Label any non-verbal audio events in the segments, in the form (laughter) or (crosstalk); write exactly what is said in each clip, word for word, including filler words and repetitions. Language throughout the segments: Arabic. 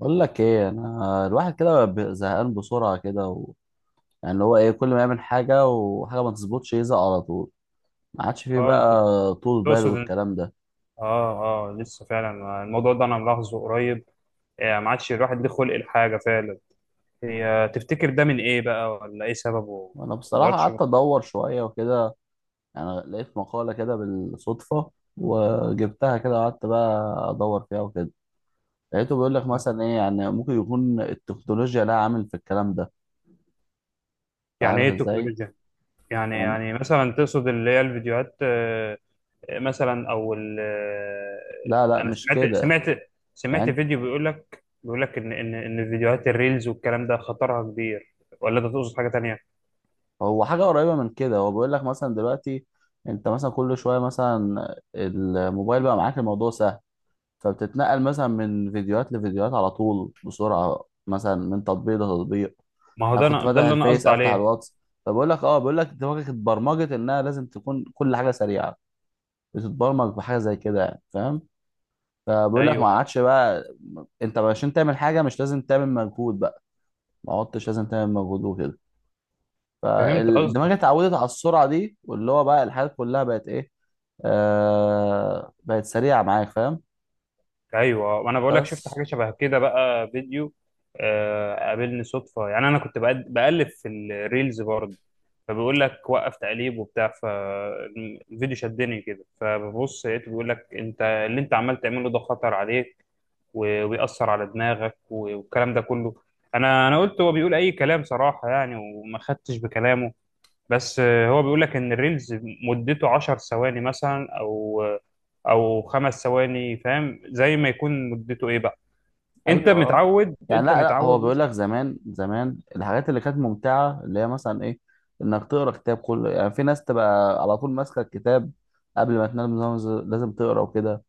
بقول لك ايه، انا الواحد كده ب- زهقان بسرعه كده و... يعني اللي هو ايه، كل ما يعمل حاجه وحاجه ما تظبطش يزهق على طول. ما عادش فيه اه انت بقى طول بال تقصد إن- والكلام ده. اه اه لسه فعلا الموضوع ده انا ملاحظه قريب. آه، ما عادش الواحد ليه خلق الحاجه فعلا. هي تفتكر ده من ايه بقى ولا ايه سببه؟ وانا ما بصراحه قدرتش قعدت ادور شويه وكده، يعني لقيت مقاله كده بالصدفه وجبتها كده وقعدت بقى ادور فيها وكده. لقيته بيقول لك أقنع. مثلا ايه، يعني ممكن يكون التكنولوجيا لها عامل في الكلام ده. انت يعني عارف ايه ازاي؟ التكنولوجيا؟ يعني يعني يعني مثلا تقصد اللي هي الفيديوهات؟ آه، مثلا او ال- لا آه، لا، انا مش سمعت كده سمعت سمعت يعني. فيديو بيقول لك بيقول لك ان ان ان فيديوهات الريلز والكلام ده خطرها كبير، ولا ده تقصد حاجه تانية؟ هو حاجة قريبة من كده. هو بيقول لك مثلا دلوقتي انت مثلا كل شوية مثلا الموبايل بقى معاك الموضوع سهل، فبتتنقل مثلا من فيديوهات لفيديوهات على طول بسرعة، مثلا من تطبيق لتطبيق. ما هو انا ده كنت أنا- فاتح ده اللي انا الفيس قصدي افتح عليه. الواتس. فبقول لك اه، بقول لك دماغك اتبرمجت انها لازم تكون كل حاجة سريعة. بتتبرمج بحاجة زي كده، يعني فاهم. فبقول لك ما ايوه، عادش بقى انت عشان تعمل حاجة مش لازم تعمل مجهود بقى. ما عدتش لازم تعمل مجهود وكده. فهمت قصدك. فالدماغ اتعودت على السرعه دي، واللي هو بقى الحاجات كلها بقت ايه، آه بقت سريعه معاك، فاهم؟ ايوه، وانا بقول لك شفت بس حاجه شبه كده بقى. فيديو آه، قابلني صدفه يعني. انا كنت بقد- بقلب في الريلز برضه، فبيقول لك وقف تقليب وبتاع، فالفيديو شدني كده فببص لقيته بيقول لك انت اللي انت عمال تعمله ده خطر عليك و- وبيأثر على دماغك و- والكلام ده كله. انا انا قلت هو بيقول اي كلام صراحه يعني، وما خدتش بكلامه. بس آه، هو بيقول لك ان الريلز مدته عشر ثواني مثلا او او خمس ثواني، فاهم؟ زي ما يكون مدته ايه بقى. انت ايوه اه. متعود يعني انت لا لا، هو متعود بيقول مثلا. لك زمان زمان الحاجات اللي كانت ممتعه اللي هي مثلا ايه، انك تقرا كتاب كله، يعني في ناس تبقى على طول ماسكه الكتاب قبل ما تنام، لازم لازم تقرا وكده.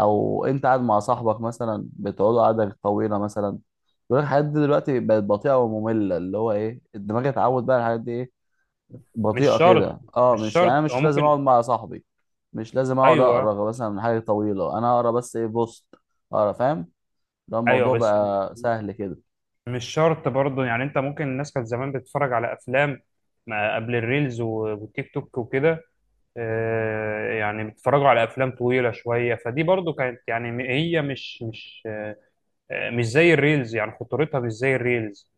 او انت قاعد مع صاحبك مثلا بتقعدوا قعده طويله مثلا. بيقول لك الحاجات دي دلوقتي بقت بطيئه وممله، اللي هو ايه، الدماغ اتعود بقى على الحاجات دي إيه، مش بطيئة شرط. كده اه. مش مش يعني أنا شرط او مش لازم ممكن. اقعد مع صاحبي، مش لازم اقعد ايوه اقرا مثلا من حاجة طويلة، انا اقرا بس ايه، بوست اقرا، فاهم؟ ده ايوه، الموضوع بس بقى سهل كده. مش شرط برضه يعني. انت ممكن، الناس كانت زمان بتتفرج على افلام ما قبل الريلز و- والتيك توك وكده. آه، يعني بيتفرجوا على افلام طويله شويه، فدي برضو كانت يعني م- هي مش مش آه، مش زي الريلز يعني، خطورتها مش زي الريلز،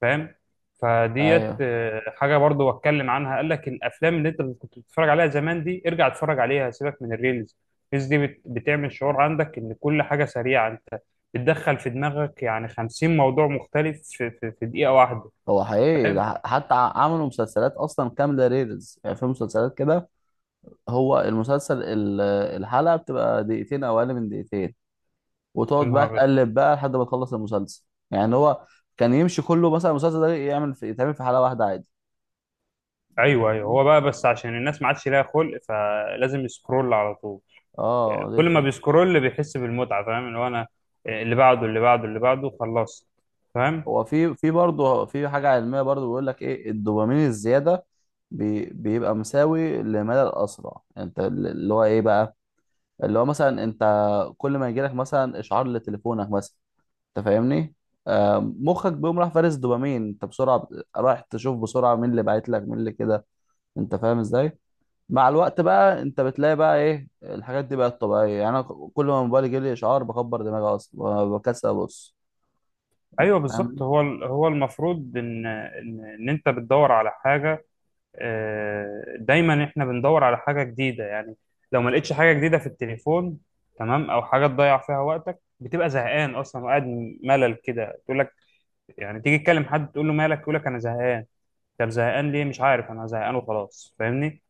فاهم؟ فديت ايوه. آه، حاجه برضو اتكلم عنها، قال لك الافلام اللي انت كنت بتتفرج عليها زمان دي ارجع اتفرج عليها، سيبك من الريلز. الريلز دي بت- بتعمل شعور عندك ان كل حاجه سريعه. انت بتدخل في دماغك يعني خمسين موضوع مختلف في, في, في دقيقه واحده، هو حقيقي ده، فاهم؟ ح- حتى ع- عملوا مسلسلات اصلا كاملة ريلز، يعني في مسلسلات كده. هو المسلسل ال- الحلقة بتبقى دقيقتين او اقل من دقيقتين، يا وتقعد نهار بقى ابيض. تقلب بقى لحد ما تخلص المسلسل. يعني هو كان يمشي كله مثلا، المسلسل ده يعمل في يتعمل في حلقة واحدة عادي. انت ايوه ايوه، فاهمني؟ هو بقى بس عشان الناس ما عادش ليها خلق، فلازم يسكرول على طول. اه دي كل ما الفكرة. بيسكرول بيحس بالمتعه، فاهم؟ اللي هو انا آه، اللي بعده اللي بعده اللي بعده خلاص، فاهم؟ هو في في برضه في حاجة علمية برضه، بيقول لك ايه، الدوبامين الزيادة بي بيبقى مساوي لمدى الأسرع. يعني انت اللي هو ايه بقى، اللي هو مثلا انت كل ما يجيلك مثلا اشعار لتليفونك مثلا، انت فاهمني، آه مخك بيقوم راح فارس دوبامين، انت بسرعة بت- رايح تشوف بسرعة مين اللي بعت لك، مين اللي كده، انت فاهم ازاي؟ مع الوقت بقى انت بتلاقي بقى ايه، الحاجات دي بقت طبيعية. يعني انا كل ما موبايلي يجيلي اشعار بكبر دماغي اصلا، بكسل ابص، ايوه بالظبط. فاهم؟ هو هو المفروض ان ان ان انت بتدور على حاجه. آه، دايما احنا بندور على حاجه جديده يعني. لو ما لقيتش حاجه جديده في التليفون، تمام، او حاجه تضيع فيها وقتك، بتبقى زهقان اصلا وقاعد ملل كده، تقول لك يعني، تيجي تكلم حد تقول له مالك، يقول لك انا زهقان، طب زهقان ليه؟ مش عارف، انا زهقان وخلاص، فاهمني؟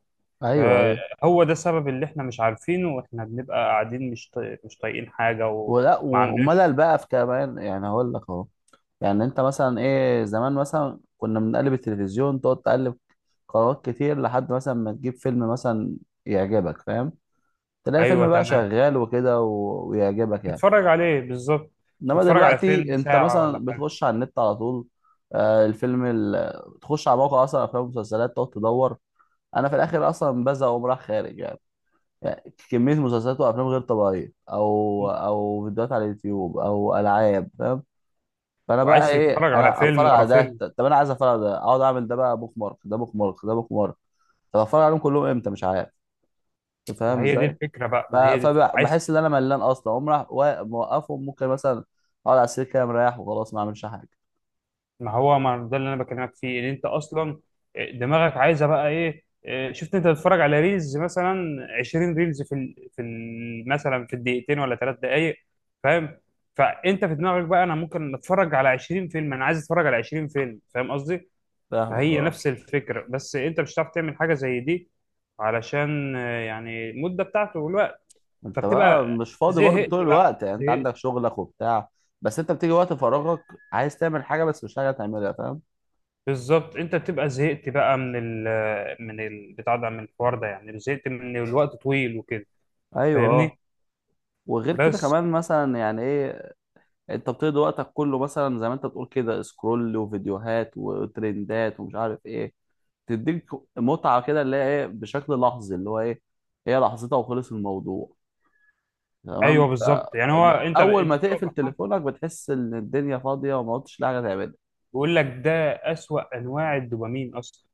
ايوه ايوه. فهو ده السبب اللي احنا مش عارفينه، واحنا بنبقى قاعدين مش طايق- مش طايقين حاجه وما ولا وملل عندناش. بقى في كمان، يعني هقول لك اهو. يعني انت مثلا ايه، زمان مثلا كنا بنقلب التلفزيون، تقعد تقلب قنوات كتير لحد مثلا ما تجيب فيلم مثلا يعجبك، فاهم؟ تلاقي ايوه فيلم بقى تمام. شغال وكده و... ويعجبك يعني. تتفرج عليه بالظبط. انما تتفرج على دلوقتي فيلم انت ساعة ولا مثلا حاجة، بتخش على النت على طول. آه الفيلم ال... تخش على موقع اصلا افلام ومسلسلات، تقعد تدور. انا في الاخر اصلا بزهق واقوم رايح خارج يعني. يعني كمية مسلسلات وافلام غير طبيعية، او او فيديوهات على اليوتيوب او العاب، فاهم؟ فانا بقى وعايز ايه، تتفرج على انا فيلم اتفرج ورا على ده، فيلم. ط- طب انا عايز اتفرج على ده، اقعد اعمل ده بقى بوك مارك، ده بوك مارك، ده بوك مارك. طب اتفرج عليهم كلهم امتى؟ مش عارف. انت ما فاهم هي دي ازاي؟ الفكرة بقى، ف- ما هي دي الفكرة. عايز. فبحس ان انا ملان اصلا، اقوم راح وا- موقفهم ممكن مثلا اقعد على السرير كده مريح وخلاص ما اعملش حاجه. ما هو ما ده اللي انا بكلمك فيه، ان انت اصلا آه، دماغك عايزة بقى ايه. إيه، شفت انت بتتفرج على ريلز مثلا عشرين ريلز في ال... في ال... مثلا في الدقيقتين ولا ثلاث دقايق، فاهم؟ فانت في دماغك بقى انا ممكن اتفرج على عشرين فيلم، انا عايز اتفرج على عشرين فيلم، فاهم قصدي؟ فاهمك فهي اه. نفس الفكرة، بس انت مش هتعرف تعمل حاجة زي دي علشان آه، يعني المدة بتاعته والوقت، انت بقى فبتبقى مش فاضي برضه زهقت طول بقى، الوقت، يعني انت زهقت. عندك شغلك وبتاع، بس انت بتيجي وقت فراغك عايز تعمل حاجه بس مش حاجه تعملها، فاهم؟ بالظبط، انت بتبقى زهقت بقى من ال آه، من ال بتاع ده، من الحوار ده يعني، زهقت من الوقت طويل وكده، ايوه اه. فاهمني؟ وغير كده بس كمان مثلا، يعني ايه، انت بتقضي وقتك كله مثلا زي ما انت بتقول كده، سكرول وفيديوهات وترندات ومش عارف ايه، تديك متعة كده اللي هي ايه، بشكل لحظي، اللي هو ايه، هي لحظتها وخلص الموضوع، تمام؟ ايوه بالظبط. يعني هو انت فأول انت ما بتبقى تقفل فرحان، تليفونك بتحس ان الدنيا فاضية وما قلتش حاجة تعملها. بيقول لك ده اسوأ انواع الدوبامين اصلا.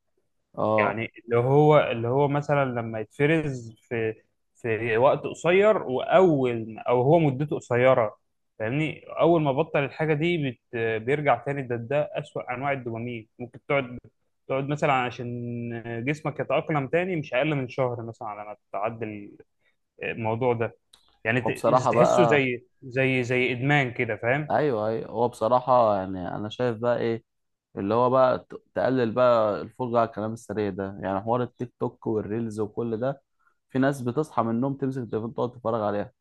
اه. يعني اللي هو اللي هو مثلا لما يتفرز في في وقت قصير، واول او هو مدته قصيره، فاهمني؟ اول ما بطل الحاجه دي بت بيرجع تاني. ده ده اسوأ انواع الدوبامين. ممكن تقعد تقعد مثلا عشان جسمك يتأقلم تاني مش اقل من شهر مثلا على ما تتعدل الموضوع ده. يعني هو ت- بصراحة تحسه بقى، زي زي زي ادمان كده، فاهم؟ ايوه ايوه، هو بصراحة يعني انا شايف بقى ايه، اللي هو بقى ت- تقلل بقى الفرجة على الكلام السريع ده، يعني حوار التيك توك والريلز وكل ده. في ناس بتصحى من النوم تمسك التليفون تقعد تتفرج عليها.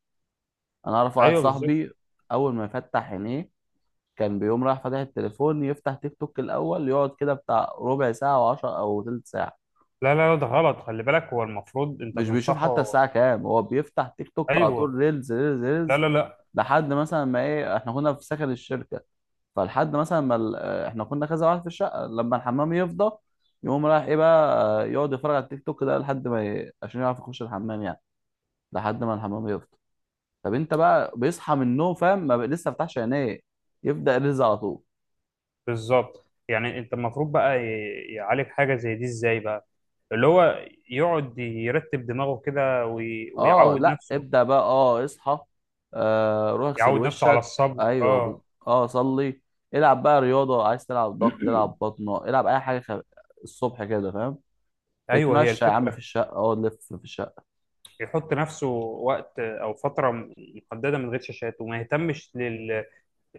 انا اعرف واحد ايوه بالظبط. صاحبي اول ما يفتح عينيه كان بيقوم رايح فاتح التليفون، يفتح تيك توك الاول يقعد كده بتاع ربع ساعه وعشر او تلت ساعه. لا لا لا، ده غلط، خلي بالك، هو المفروض انت مش بيشوف حتى تنصحه. الساعه كام، هو بيفتح تيك توك على طول، ايوه. ريلز ريلز لا ريلز، لا لا. لحد مثلا ما ايه، احنا كنا في سكن الشركه، فلحد مثلا ما ال- آه، احنا كنا كذا واحد في الشقه، لما الحمام يفضى يقوم رايح ايه بقى، آه، يقعد يتفرج على التيك توك ده لحد ما ي... عشان يعرف يخش الحمام، يعني لحد ما الحمام يفضى. طب انت بقى بيصحى من النوم، فاهم، ما بقى لسه فتحش عينيه يبدا يرز على طول. بالظبط، يعني انت المفروض بقى ي- يعالج حاجه زي دي ازاي بقى. اللي هو يقعد يرتب دماغه كده وي- اه ويعود لا، نفسه. ابدا بقى، اه اصحى، آه روح اغسل يعود نفسه على وشك. الصبر، ايوه ب- اه. اه صلي، العب بقى رياضه، عايز تلعب ضغط، العب (clears throat) بطنه، العب اي حاجه خ... الصبح كده، فاهم؟ ايوه، هي اتمشى يا عم في الفكره. الشقه، اقعد لف في الشقه. يحط نفسه وقت او فتره م- محدده من غير شاشات، وما يهتمش لل...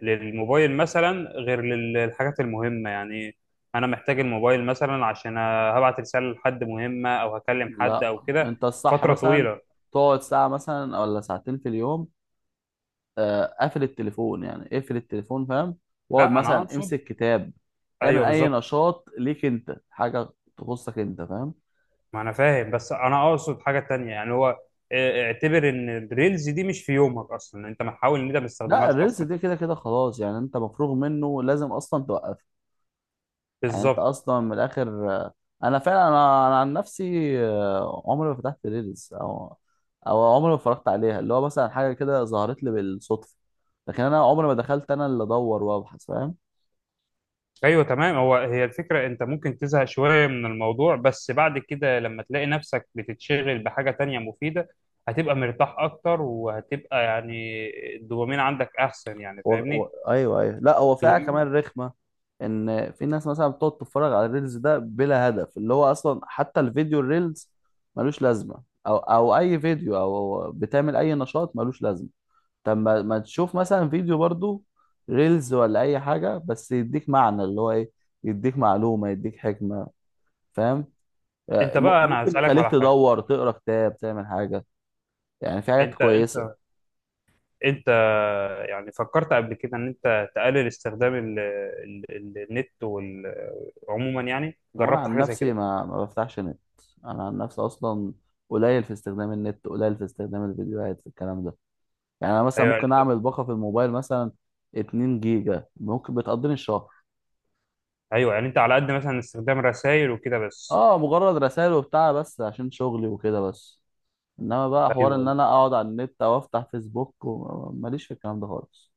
للموبايل مثلا غير للحاجات المهمه يعني. انا محتاج الموبايل مثلا عشان هبعت رساله لحد مهمه او هكلم حد لا او كده. انت الصح فتره مثلا طويله. تقعد ساعه مثلا ولا ساعتين في اليوم. آه، قفل التليفون، يعني اقفل التليفون، فاهم؟ واقعد لا، انا مثلا اقصد. امسك كتاب، اعمل ايوه اي بالظبط. نشاط ليك انت، حاجه تخصك انت، فاهم؟ ما انا فاهم، بس انا اقصد حاجه تانية يعني. هو اه، اعتبر ان الريلز دي مش في يومك اصلا، انت محاول ان انت ما لا تستخدمهاش الريلز اصلا. دي كده كده خلاص، يعني انت مفروغ منه، لازم اصلا توقف. يعني انت بالظبط. اصلا من الاخر آه، انا فعلا انا, أنا عن نفسي آه، عمري ما فتحت ريلز، او او عمري ما اتفرجت عليها، اللي هو مثلا حاجه كده ظهرت لي بالصدفه، لكن انا عمري ما دخلت انا اللي ادور وابحث، فاهم؟ ايوه تمام، هو هي الفكره. انت ممكن تزهق شويه من الموضوع، بس بعد كده لما تلاقي نفسك بتتشغل بحاجه تانية مفيده، هتبقى مرتاح اكتر، وهتبقى يعني الدوبامين عندك احسن يعني، و... و... فاهمني؟ ايوه ايوه. لا هو فيها الدوبامين. كمان رخمه، ان في ناس مثلا بتقعد تتفرج على الريلز ده بلا هدف، اللي هو اصلا حتى الفيديو الريلز ملوش لازمه، او او اي فيديو، او بتعمل اي نشاط ملوش لازمه. طب ما... ما تشوف مثلا فيديو برضو، ريلز ولا اي حاجه، بس يديك معنى، اللي هو ايه، يديك معلومه يديك حكمه، فاهم؟ آه، انت م... بقى، انا ممكن هسالك على يخليك حاجه. تدور تقرا كتاب تعمل حاجه. يعني في حاجات انت انت كويسه. انت يعني فكرت قبل كده ان انت تقلل استخدام ال ال ال النت وال- عموما يعني؟ هو انا جربت عن حاجه زي نفسي كده؟ ما ما بفتحش نت، انا عن نفسي اصلا قليل في استخدام النت، قليل في استخدام الفيديوهات في الكلام ده. يعني انا مثلا ايوه ممكن اعمل باقه في الموبايل مثلا 2 جيجا ممكن بتقضيني الشهر. ايوه. يعني انت على قد مثلا استخدام رسائل وكده بس. اه مجرد رسائل وبتاع بس عشان شغلي وكده بس. انما بقى حوار ايوه ان انا ايوه. اقعد على النت او افتح فيسبوك و- ماليش في الكلام ده خالص.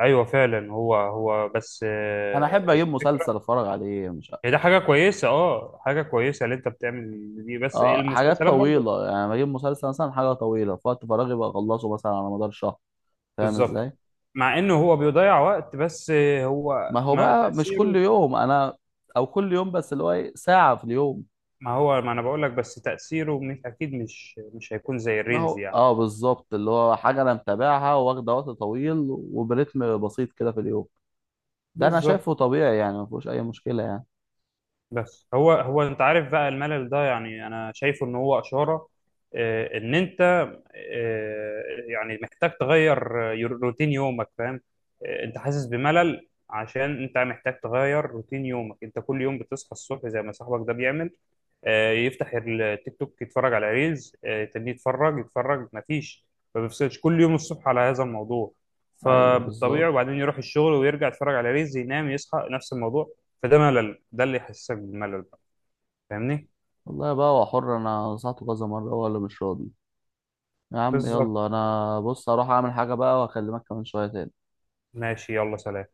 أيوة فعلا. هو هو بس انا آه، احب اجيب مسلسل الفكره. اتفرج عليه، مش عارف. هي ده حاجه كويسه، اه، حاجه كويسه اللي انت بتعمل دي، بس اه حاجات المسلسلات برضو. طويله، يعني بجيب مسلسل مثلا حاجه طويله في وقت فراغي، بخلصه مثلا على مدار شهر، فاهم بالظبط. ازاي؟ مع انه هو بيضيع وقت، بس آه، هو ما هو ما بقى مش كل تاثيره. يوم، انا او كل يوم بس اللي هو ايه، ساعة في اليوم. ما هو ما انا بقول لك، بس تاثيره مش اكيد، مش مش هيكون زي ما الريلز هو يعني. اه بالظبط، اللي هو حاجة انا متابعها، واخدة وقت طويل وبرتم بسيط كده في اليوم، ده انا بالظبط. شايفه طبيعي يعني، ما فيهوش اي مشكلة يعني. بس هو هو انت عارف بقى الملل ده، يعني انا شايفه ان هو اشاره آه، ان انت آه، يعني محتاج تغير آه، روتين يومك، فاهم؟ آه، انت حاسس بملل عشان انت محتاج تغير روتين يومك. انت كل يوم بتصحى الصبح زي ما صاحبك ده بيعمل، آه، يفتح التيك توك، يتفرج على ريلز، آه، يتني يتفرج يتفرج مفيش، ما بيفصلش كل يوم الصبح على هذا الموضوع، ايوه فبالطبيعي. بالظبط. وبعدين يروح الشغل ويرجع يتفرج على ريلز، ينام، يصحى نفس الموضوع. فده ملل، ده اللي يحسسك بالملل بقى، فاهمني؟ والله بقى هو حر، انا نصحته كذا مرة هو اللي مش راضي. يا عم بالظبط. يلا، انا بص اروح اعمل حاجة بقى واكلمك كمان شوية تاني. ماشي، يلا سلام.